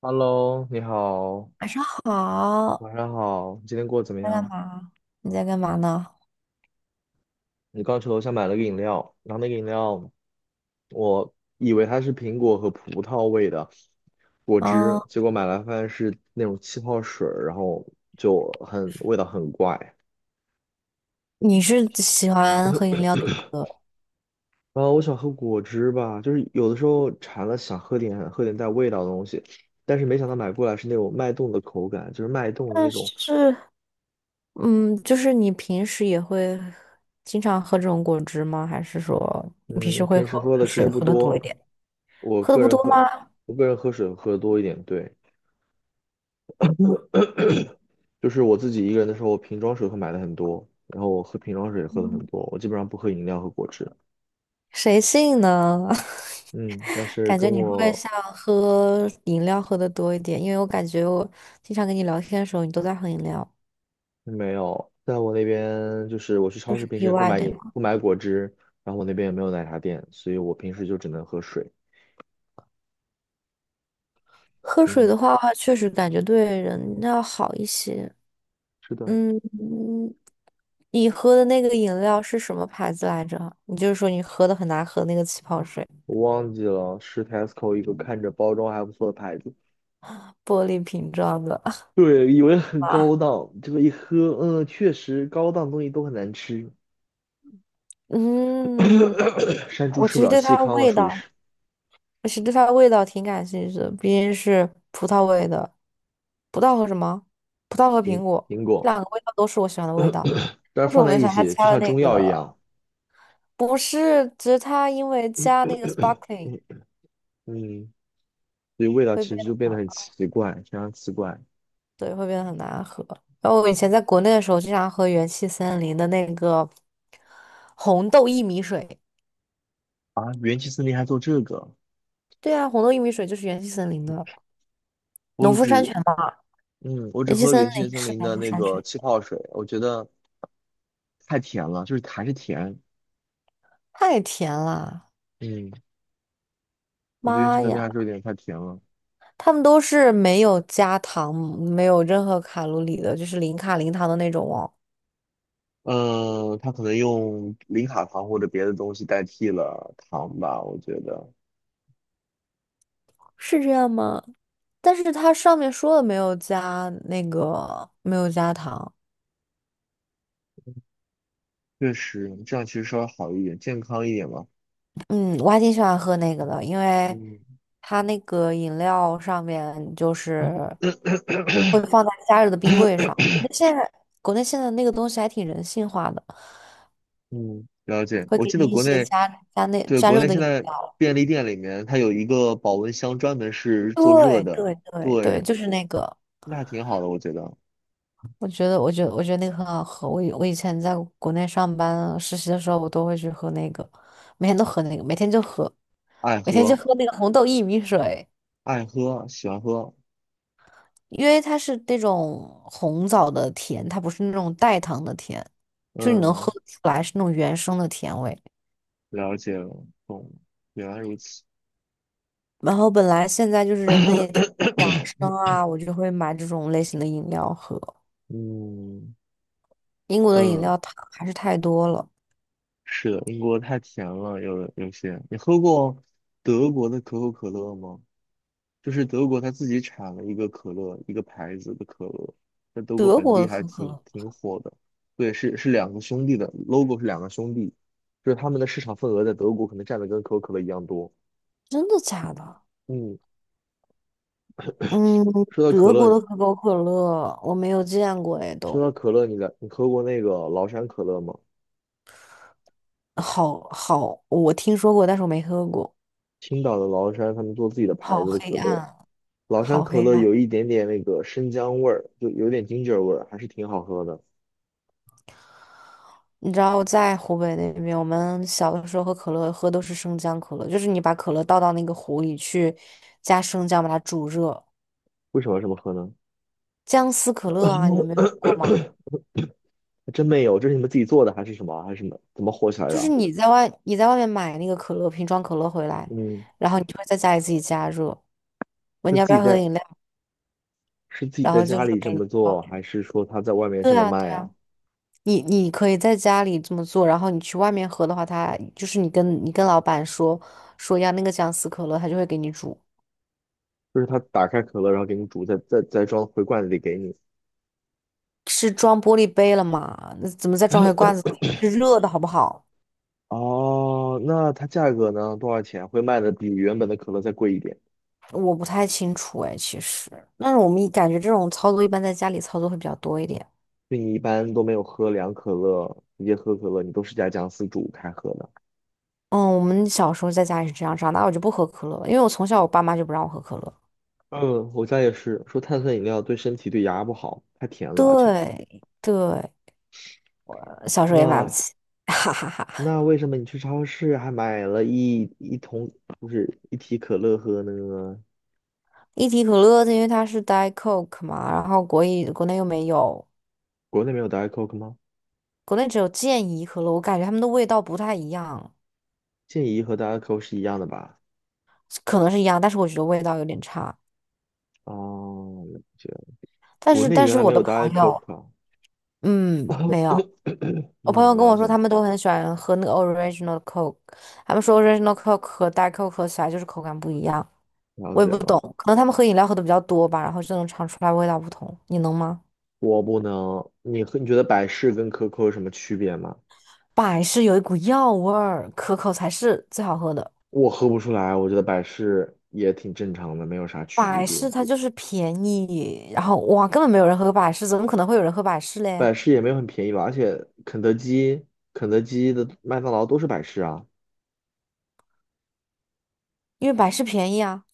Hello，你好，晚上好，晚上好，你今天过得怎么在干样？嘛？你在干嘛呢？你刚去楼下买了个饮料，然后那个饮料，我以为它是苹果和葡萄味的果嗯，汁，结果买来发现是那种气泡水儿然后就很味道很怪。你是喜欢喝饮料的一个，啊，我想喝果汁吧，就是有的时候馋了想喝点带味道的东西，但是没想到买过来是那种脉动的口感，就是脉动的但那种是，嗯，就是你平时也会经常喝这种果汁吗？还是说你平时嗯，会平时喝喝的其实水不喝的多多，一点？我喝的个不人多喝，吗？我个人喝水喝的多一点，对，就是我自己一个人的时候，瓶装水会买的很多，然后我喝瓶装水也喝的很多，我基本上不喝饮料和果汁，谁信呢？嗯，但 是感觉跟你会我像喝饮料喝的多一点，因为我感觉我经常跟你聊天的时候，你都在喝饮料，没有，在我那边就是我去都超是市平时例也外，对吗？不买果汁，然后我那边也没有奶茶店，所以我平时就只能喝水，喝水嗯，的话，确实感觉对人要好一些。是的，嗯，你喝的那个饮料是什么牌子来着？你就是说你喝的很难喝那个气泡水，我忘记了是 Tesco 一个看着包装还不错的牌子。玻璃瓶装的。对，以为很高档，结果一喝，嗯，确实高档东西都很难吃，嗯，山猪我吃其不实了对细它的糠了，味属于是道，我实对它的味道挺感兴趣的，毕竟是葡萄味的。葡萄和什么？葡萄和苹苹果，苹这果，两个味道都是我喜欢的味道。但但是是放我没在有一想到它起加就了像那中药个，一样，不是，只是它因为加那个 sparkling 嗯嗯，所以味道会其变。实就变得很奇怪，非常奇怪对，会变得很难喝。然后我以前在国内的时候，经常喝元气森林的那个红豆薏米水。啊！元气森林还做这个，对啊，红豆薏米水就是元气森林的农我夫山只泉嘛。嗯，我只元气喝森元气林森是林农的夫那山个泉，气泡水，我觉得太甜了，就是还是甜，太甜了，嗯，我觉得元气妈森林呀！还是有点太甜了。他们都是没有加糖、没有任何卡路里的，就是零卡零糖的那种哦。嗯，他可能用零卡糖或者别的东西代替了糖吧，我觉得是这样吗？但是它上面说的没有加那个，没有加糖。确实这样其实稍微好一点，健康一点嘛。嗯，我还挺喜欢喝那个的，因为嗯它那个饮料上面就是会放在加热的冰柜上。国内现在那个东西还挺人性化的，嗯，了解。会我给记你得一国些内，对，加国热内的现饮在料。便利店里面它有一个保温箱，专门是做热对的，对对对，对，就是那个，那还挺好的，我觉得。我觉得那个很好喝。我以前在国内上班实习的时候，我都会去喝那个，每天都喝那个，每天就喝，爱每天就喝，喝那个红豆薏米水。爱喝，喜欢喝。因为它是那种红枣的甜，它不是那种代糖的甜，就你能喝嗯，得出来是那种原生的甜味。了解了，懂了原来如此。然后本来现在就是人们也挺养生 啊，我就会买这种类型的饮料喝。嗯英国的饮嗯。料糖还是太多了，是的，英国太甜了，有些。你喝过德国的可口可乐吗？就是德国它自己产了一个可乐，一个牌子的可乐，在德国德本国地的可还口可挺乐挺火的。对，是两个兄弟的，logo 是两个兄弟，就是他们的市场份额在德国可能占的跟可口可乐一样多。真的假的？嗯，嗯，说到可德国乐，的可口可乐我没有见过哎，都你来，你喝过那个崂山可乐吗？好好，我听说过，但是我没喝过，青岛的崂山，他们做自己的牌好子的黑可乐。暗啊，老山好可黑乐暗啊。有一点点那个生姜味儿，就有点 ginger 味儿，还是挺好喝的。你知道我在湖北那边，我们小的时候喝可乐喝都是生姜可乐，就是你把可乐倒到那个壶里去，加生姜把它煮热，为什么要这么喝呢？姜丝可乐啊，你们没有喝过吗？还真没有，这是你们自己做的还是什么？还是什么？怎么火起来就的是啊？你在外面买那个可乐瓶装可乐回来，嗯，然后你就会在家里自己加热，问是你要自不己要喝在饮料，是自己然在后就家是里这给你么倒做，给还你。是说他在外面这对么啊，对卖啊？啊，你你可以在家里这么做，然后你去外面喝的话，他就是你跟老板说说要那个姜丝可乐，他就会给你煮。就是他打开可乐，然后给你煮，再装回罐子里给你。是装玻璃杯了嘛？那怎么再装回罐子里？是热的好不好？哦，那它价格呢？多少钱？会卖的比原本的可乐再贵一点。我不太清楚哎，其实，但是我们一感觉这种操作一般在家里操作会比较多一点。就你一般都没有喝凉可乐，直接喝可乐，你都是加姜丝煮开喝的。嗯，我们小时候在家里是这样，长大我就不喝可乐了因为我从小我爸妈就不让我喝可乐。嗯，我家也是，说碳酸饮料对身体对牙不好，太甜了，而且对对，呃小时候也买不那起，哈哈哈。那为什么你去超市还买了一桶就是一提可乐喝呢？一提可乐，因为它是 Diet Coke 嘛，然后国内又没有，国内没有 Diet Coke 吗？国内只有健怡可乐，我感觉它们的味道不太一样，健怡和 Diet Coke 是一样的吧？可能是一样，但是我觉得味道有点差。哦，了解，但国是内但原是来我没的有 朋 Diet 友。Coke 啊。嗯，没有。我朋友嗯，跟了我说，解他们都很喜欢喝那个 original Coke，他们说 original Coke 和 Diet Coke 喝起来就是口感不一样。了我也解不懂，了。可能他们喝饮料喝的比较多吧，然后就能尝出来味道不同。你能吗？我不能，你喝你觉得百事跟可口有什么区别吗？百事有一股药味儿，可口才是最好喝的。我喝不出来，我觉得百事也挺正常的，没有啥区百别。事它就是便宜，然后哇，根本没有人喝百事，怎么可能会有人喝百事嘞？百事也没有很便宜吧，而且肯德基的麦当劳都是百事啊，因为百事便宜啊。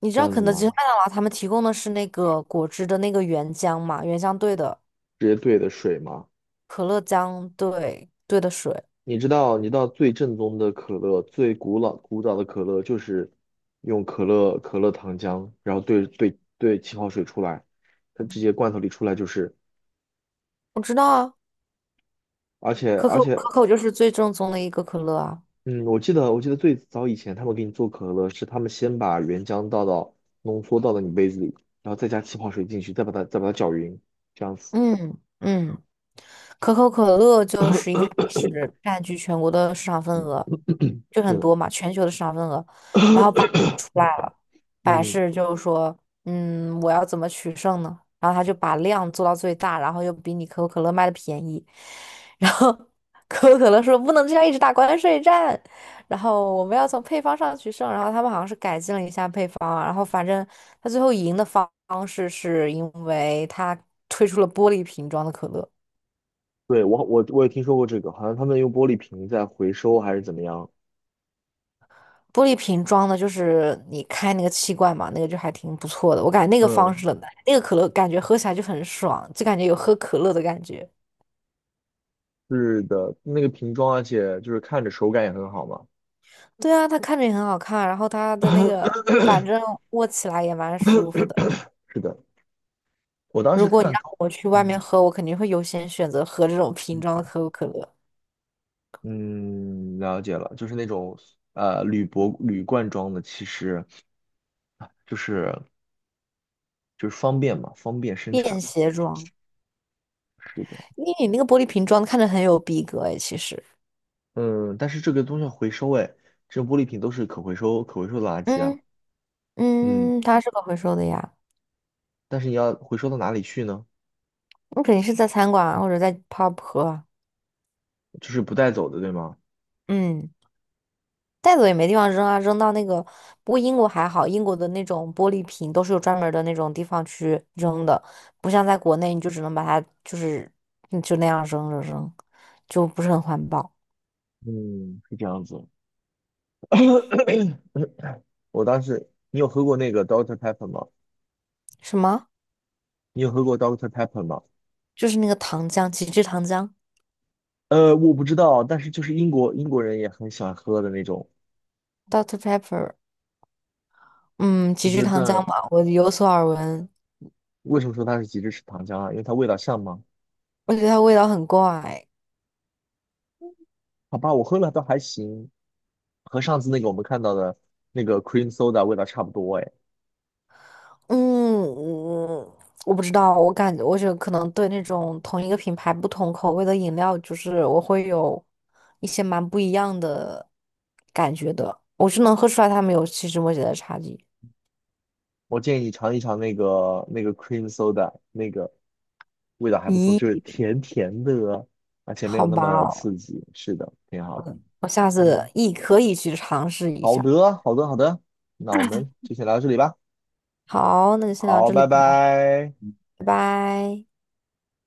你知这道样子肯德基、麦吗？当劳他们提供的是那个果汁的那个原浆嘛？原浆兑的。直接兑的水吗？可乐姜兑的水，你知道，你知道最正宗的可乐，最古老古早的可乐就是用可乐糖浆，然后兑气泡水出来，它直接罐头里出来就是，我知道啊，而且可而口且，可口就是最正宗的一个可乐啊，嗯，我记得最早以前他们给你做可乐是他们先把原浆倒到浓缩倒到你杯子里，然后再加气泡水进去，再把它搅匀，这样子。嗯嗯，可口可乐就是一开始占据全国的市场份嗯。额，就很是 多嘛，全球的市场份额，然后把 百嗯，事就是说，嗯，我要怎么取胜呢？然后他就把量做到最大，然后又比你可口可乐卖的便宜。然后可口可乐说不能这样一直打关税战，然后我们要从配方上取胜。然后他们好像是改进了一下配方啊然后反正他最后赢的方式是因为他推出了玻璃瓶装的可乐。对，我也听说过这个，好像他们用玻璃瓶在回收还是怎么样。玻璃瓶装的，就是你开那个气罐嘛，那个就还挺不错的。我感觉那个方嗯，式了，那个可乐感觉喝起来就很爽，就感觉有喝可乐的感觉。是的，那个瓶装，而且就是看着手感也很好嘛。对啊，它看着也很好看，然后它的那个，反 正握起来也蛮舒服的。是的，我当时如果你看让高我去外面嗯，喝，我肯定会优先选择喝这种瓶装的可口可乐，嗯，了解了，就是那种铝箔铝罐装的，其实就是就是方便嘛，方便生便产。携装。是的，因为你那个玻璃瓶装看着很有逼格诶，其实。嗯，但是这个东西要回收，哎，这种玻璃瓶都是可回收的垃圾啊。嗯嗯，嗯，它是可回收的呀，但是你要回收到哪里去呢？你肯定是在餐馆啊或者在 pub 喝啊。就是不带走的，对吗？嗯。带走也没地方扔啊，扔到那个。不过英国还好，英国的那种玻璃瓶都是有专门儿的那种地方去扔的，不像在国内，你就只能把它就是嗯就那样扔着扔，就不是很环保。嗯，是这样子。我当时，你有喝过那个 Doctor Pepper 吗？什么？你有喝过 Doctor Pepper 吗？就是那个糖浆，极致糖浆我不知道，但是就是英国人也很喜欢喝的那种，，Dr. o o c t Pepper，嗯，就极致是在糖浆嘛，我有所耳闻，为什么说它是极致是糖浆啊？因为它味道像吗？我觉得它味道很怪。好吧，我喝了倒还行，和上次那个我们看到的那个 cream soda 味道差不多哎。嗯，我不知道，我觉得可能对那种同一个品牌不同口味的饮料，就是我会有一些蛮不一样的感觉的。我是能喝出来他们有细枝末节的差距。我建议你尝一尝那个 cream soda，那个味道还不错，咦，就是甜甜的，而且没有好那吧么哦刺激。是的，挺好的。嗯我下次嗯，也可以去尝试一好下。的，好的，好的。那我们就先聊到这里吧。好，那就先聊好，这里拜吧，拜。拜拜。